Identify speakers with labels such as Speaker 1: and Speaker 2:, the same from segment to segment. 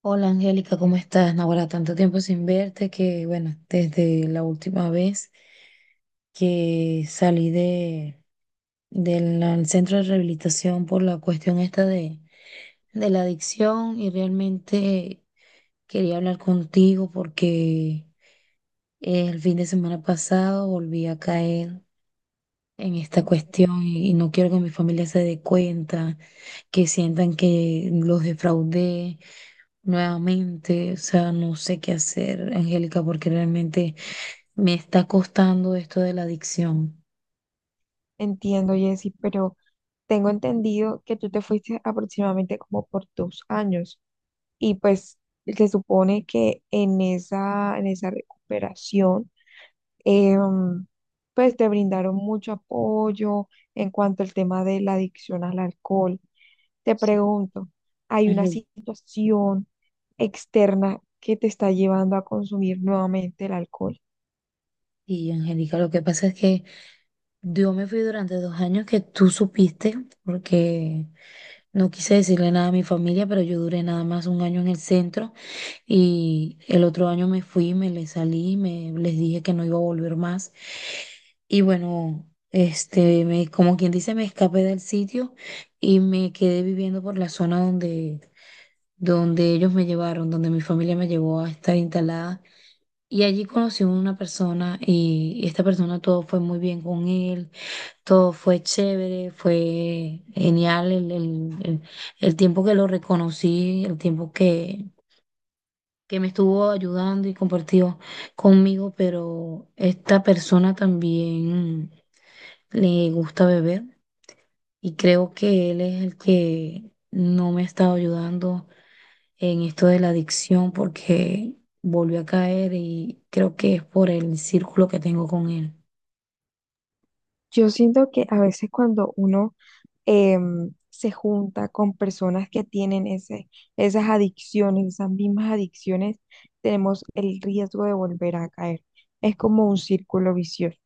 Speaker 1: Hola Angélica, ¿cómo estás? Ahora tanto tiempo sin verte que, bueno, desde la última vez que salí de, del al centro de rehabilitación por la cuestión esta de la adicción y realmente quería hablar contigo porque el fin de semana pasado volví a caer en esta cuestión y no quiero que mi familia se dé cuenta, que sientan que los defraudé nuevamente. O sea, no sé qué hacer, Angélica, porque realmente me está costando esto de la adicción.
Speaker 2: Entiendo, Jessy, pero tengo entendido que tú te fuiste aproximadamente como por dos años y pues se supone que en esa recuperación, em, pues te brindaron mucho apoyo en cuanto al tema de la adicción al alcohol. Te
Speaker 1: Sí.
Speaker 2: pregunto, ¿hay una
Speaker 1: Angel-
Speaker 2: situación externa que te está llevando a consumir nuevamente el alcohol?
Speaker 1: Y Angélica, lo que pasa es que yo me fui durante 2 años que tú supiste, porque no quise decirle nada a mi familia, pero yo duré nada más 1 año en el centro y el otro año me fui, me les salí, me les dije que no iba a volver más. Y bueno, este, me, como quien dice, me escapé del sitio y me quedé viviendo por la zona donde, donde ellos me llevaron, donde mi familia me llevó a estar instalada. Y allí conocí a una persona y esta persona todo fue muy bien con él. Todo fue chévere, fue genial el tiempo que lo reconocí, el tiempo que me estuvo ayudando y compartió conmigo, pero esta persona también le gusta beber y creo que él es el que no me ha estado ayudando en esto de la adicción porque volvió a caer y creo que es por el círculo que tengo con él.
Speaker 2: Yo siento que a veces cuando uno se junta con personas que tienen esas adicciones, esas mismas adicciones, tenemos el riesgo de volver a caer. Es como un círculo vicioso.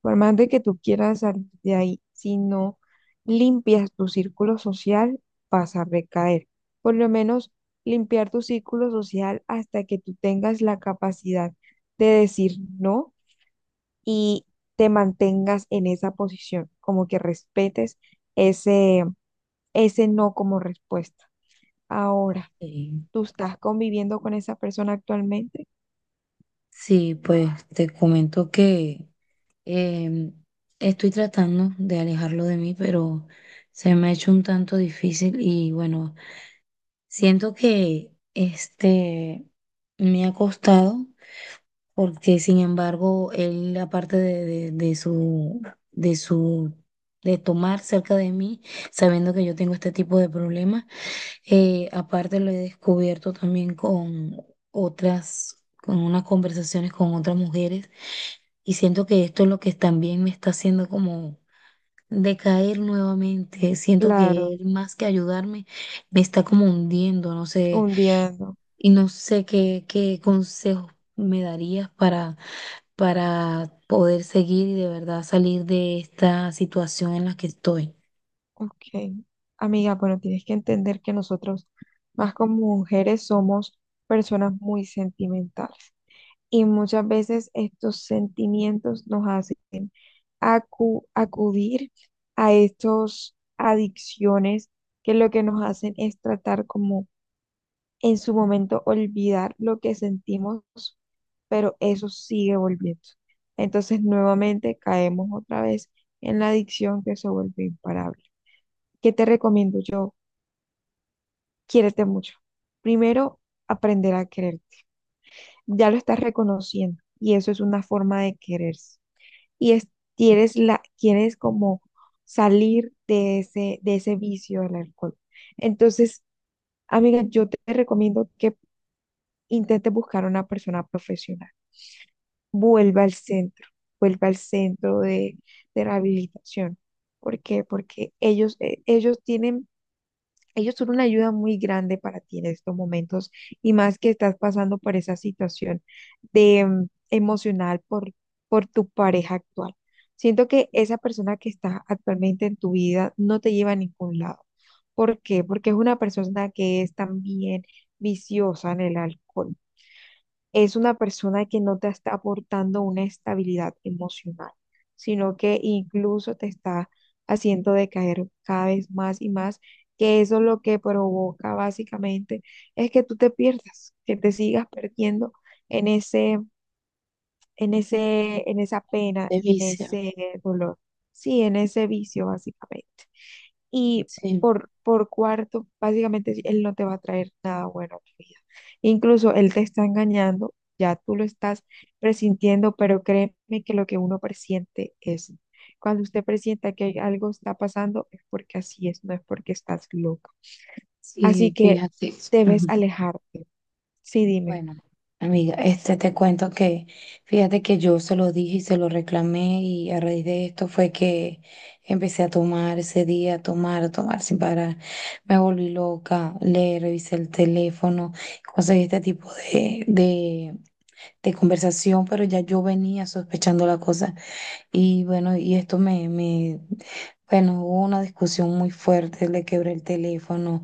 Speaker 2: Por más de que tú quieras salir de ahí, si no limpias tu círculo social, vas a recaer. Por lo menos limpiar tu círculo social hasta que tú tengas la capacidad de decir no y te mantengas en esa posición, como que respetes ese, ese no como respuesta. Ahora,
Speaker 1: Sí.
Speaker 2: tú estás conviviendo con esa persona actualmente.
Speaker 1: Sí, pues te comento que em, estoy tratando de alejarlo de mí, pero se me ha hecho un tanto difícil y bueno, siento que este me ha costado porque sin embargo él aparte de su de su de tomar cerca de mí, sabiendo que yo tengo este tipo de problemas, aparte lo he descubierto también con otras, con unas conversaciones con otras mujeres y siento que esto es lo que también me está haciendo como decaer nuevamente. Siento que
Speaker 2: Claro,
Speaker 1: él más que ayudarme me está como hundiendo, no sé,
Speaker 2: un día no.
Speaker 1: y no sé qué consejos me darías para poder seguir y de verdad salir de esta situación en la que estoy.
Speaker 2: Ok. Amiga, bueno, tienes que entender que nosotros, más como mujeres, somos personas muy sentimentales. Y muchas veces estos sentimientos nos hacen acudir a estas adicciones que lo que nos hacen es tratar como en su momento olvidar lo que sentimos, pero eso sigue volviendo. Entonces nuevamente caemos otra vez en la adicción que se vuelve imparable. ¿Qué te recomiendo yo? Quiérete mucho. Primero, aprender a quererte. Ya lo estás reconociendo y eso es una forma de quererse. Y es, quieres, la, quieres como salir de de ese vicio del alcohol. Entonces, amiga, yo te recomiendo que intentes buscar una persona profesional vuelva al centro, vuelva al centro de rehabilitación. ¿Por qué? Porque ellos, ellos tienen, ellos son una ayuda muy grande para ti en estos momentos y más que estás pasando por esa situación de emocional por tu pareja actual. Siento que esa persona que está actualmente en tu vida no te lleva a ningún lado. ¿Por qué? Porque es una persona que es también viciosa en el alcohol, es una persona que no te está aportando una estabilidad emocional, sino que incluso te está haciendo decaer cada vez más y más, que eso lo que provoca básicamente es que tú te pierdas, que te sigas perdiendo en en esa pena
Speaker 1: De
Speaker 2: y en
Speaker 1: vicio,
Speaker 2: ese dolor, sí, en ese vicio básicamente. Y
Speaker 1: sí,
Speaker 2: por cuarto, básicamente sí, él no te va a traer nada bueno a tu vida. Incluso él te está engañando, ya tú lo estás presintiendo, pero créeme que lo que uno presiente es, cuando usted presienta que algo está pasando, es porque así es, no es porque estás loca. Así
Speaker 1: sí,
Speaker 2: que
Speaker 1: fíjate. Ajá.
Speaker 2: debes alejarte. Sí, dime.
Speaker 1: Bueno, amiga, este te cuento que fíjate que yo se lo dije y se lo reclamé y a raíz de esto fue que empecé a tomar ese día, a tomar sin parar. Me volví loca, le revisé el teléfono, conseguí este tipo de conversación, pero ya yo venía sospechando la cosa y bueno, y esto bueno, hubo una discusión muy fuerte, le quebré el teléfono.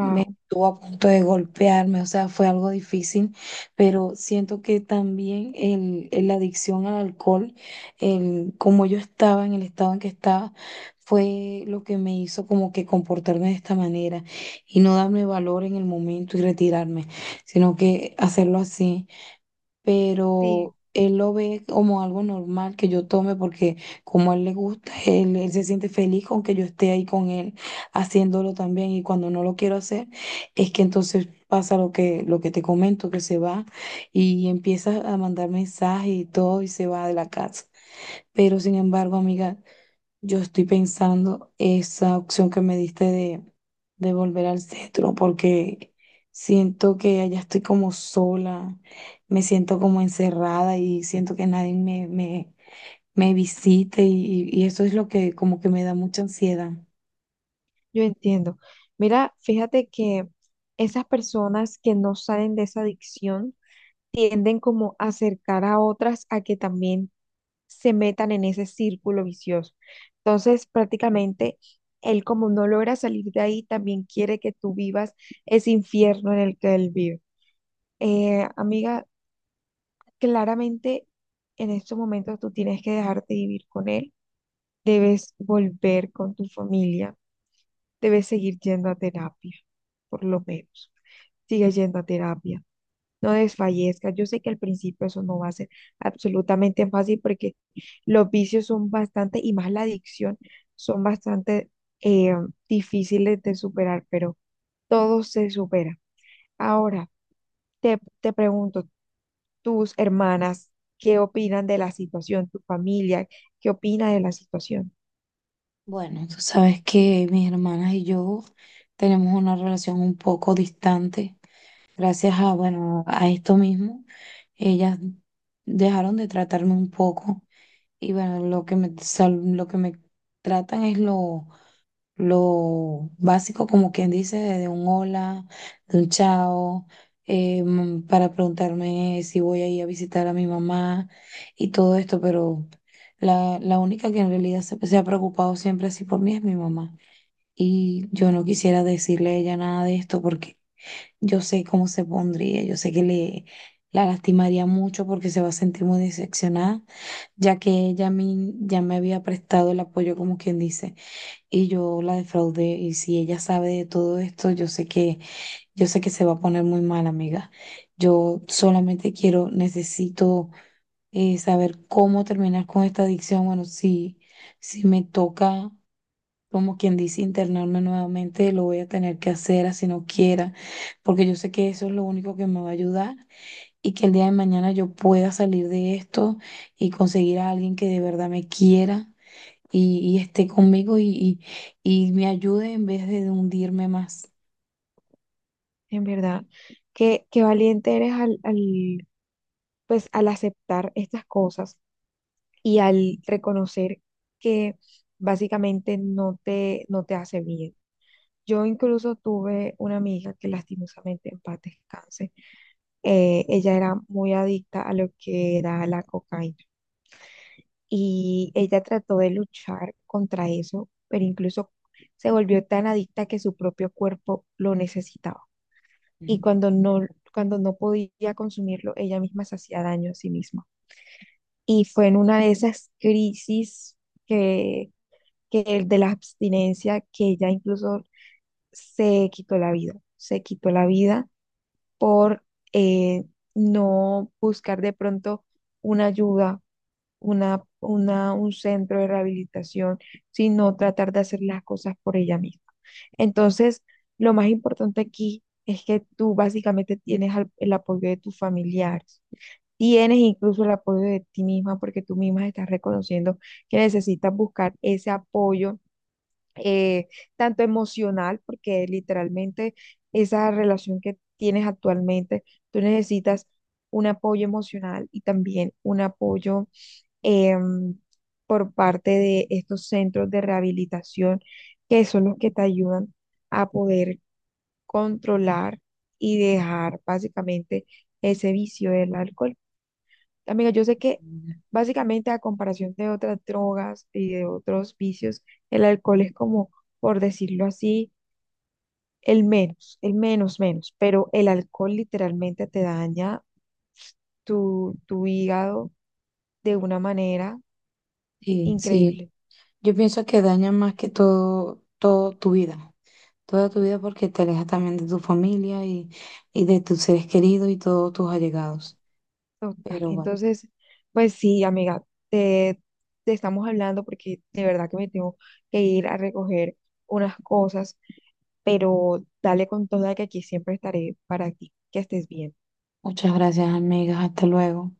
Speaker 1: Me estuvo a punto de golpearme, o sea, fue algo difícil, pero siento que también la adicción al alcohol, el, como yo estaba en el estado en que estaba, fue lo que me hizo como que comportarme de esta manera y no darme valor en el momento y retirarme, sino que hacerlo así.
Speaker 2: sí,
Speaker 1: Pero él lo ve como algo normal que yo tome porque como a él le gusta, él se siente feliz con que yo esté ahí con él haciéndolo también. Y cuando no lo quiero hacer, es que entonces pasa lo que te comento, que se va y empieza a mandar mensajes y todo y se va de la casa. Pero sin embargo, amiga, yo estoy pensando esa opción que me diste de volver al centro, porque siento que allá estoy como sola, me siento como encerrada y siento que nadie me visite y eso es lo que como que me da mucha ansiedad.
Speaker 2: yo entiendo. Mira, fíjate que esas personas que no salen de esa adicción, tienden como a acercar a otras a que también se metan en ese círculo vicioso. Entonces, prácticamente, él como no logra salir de ahí, también quiere que tú vivas ese infierno en el que él vive. Amiga, claramente en estos momentos tú tienes que dejarte vivir con él, debes volver con tu familia, debes seguir yendo a terapia, por lo menos. Sigue yendo a terapia, no desfallezcas. Yo sé que al principio eso no va a ser absolutamente fácil porque los vicios son bastante, y más la adicción, son bastante eh, difíciles de superar, pero todo se supera. Ahora, te pregunto, tus hermanas, ¿qué opinan de la situación? ¿Tu familia, qué opina de la situación?
Speaker 1: Bueno, tú sabes que mis hermanas y yo tenemos una relación un poco distante, gracias a, bueno, a esto mismo, ellas dejaron de tratarme un poco. Y bueno, lo que me, lo que me tratan es lo básico, como quien dice, de un hola, de un chao, para preguntarme si voy a ir a visitar a mi mamá y todo esto, pero la única que en realidad se ha preocupado siempre así por mí es mi mamá. Y yo no quisiera decirle a ella nada de esto porque yo sé cómo se pondría, yo sé que le, la lastimaría mucho porque se va a sentir muy decepcionada ya que ella a mí ya me había prestado el apoyo, como quien dice, y yo la defraudé, y si ella sabe de todo esto, yo sé yo sé que se va a poner muy mal, amiga. Yo solamente quiero, necesito saber cómo terminar con esta adicción. Bueno, si, si me toca, como quien dice, internarme nuevamente, lo voy a tener que hacer así no quiera, porque yo sé que eso es lo único que me va a ayudar y que el día de mañana yo pueda salir de esto y conseguir a alguien que de verdad me quiera y esté conmigo y me ayude en vez de hundirme más.
Speaker 2: En verdad, qué valiente eres pues, al aceptar estas cosas y al reconocer que básicamente no te hace bien. Yo incluso tuve una amiga que lastimosamente en paz descanse. Ella era muy adicta a lo que era la cocaína y ella trató de luchar contra eso, pero incluso se volvió tan adicta que su propio cuerpo lo necesitaba. Y
Speaker 1: Mm.
Speaker 2: cuando no podía consumirlo, ella misma se hacía daño a sí misma. Y fue en una de esas crisis que que el de la abstinencia, que ella incluso se quitó la vida, se quitó la vida por eh, no buscar de pronto una ayuda, un centro de rehabilitación, sino tratar de hacer las cosas por ella misma. Entonces, lo más importante aquí es que tú básicamente tienes el apoyo de tus familiares, tienes incluso el apoyo de ti misma porque tú misma estás reconociendo que necesitas buscar ese apoyo eh, tanto emocional, porque literalmente esa relación que tienes actualmente, tú necesitas un apoyo emocional y también un apoyo em, por parte de estos centros de rehabilitación, que son los que te ayudan a poder controlar y dejar básicamente ese vicio del alcohol. Amiga, yo sé que básicamente a comparación de otras drogas y de otros vicios, el alcohol es como, por decirlo así, el menos, menos, pero el alcohol literalmente te daña tu hígado de una manera
Speaker 1: Sí, sí.
Speaker 2: increíble,
Speaker 1: Yo pienso que daña más que todo, todo tu vida. Toda tu vida porque te alejas también de tu familia y de tus seres queridos y todos tus allegados.
Speaker 2: total.
Speaker 1: Pero bueno,
Speaker 2: Entonces, pues sí, amiga, te, te estamos hablando porque de verdad que me tengo que ir a recoger unas cosas, pero dale con toda que aquí siempre estaré para ti, que estés bien.
Speaker 1: muchas gracias, amigas. Hasta luego.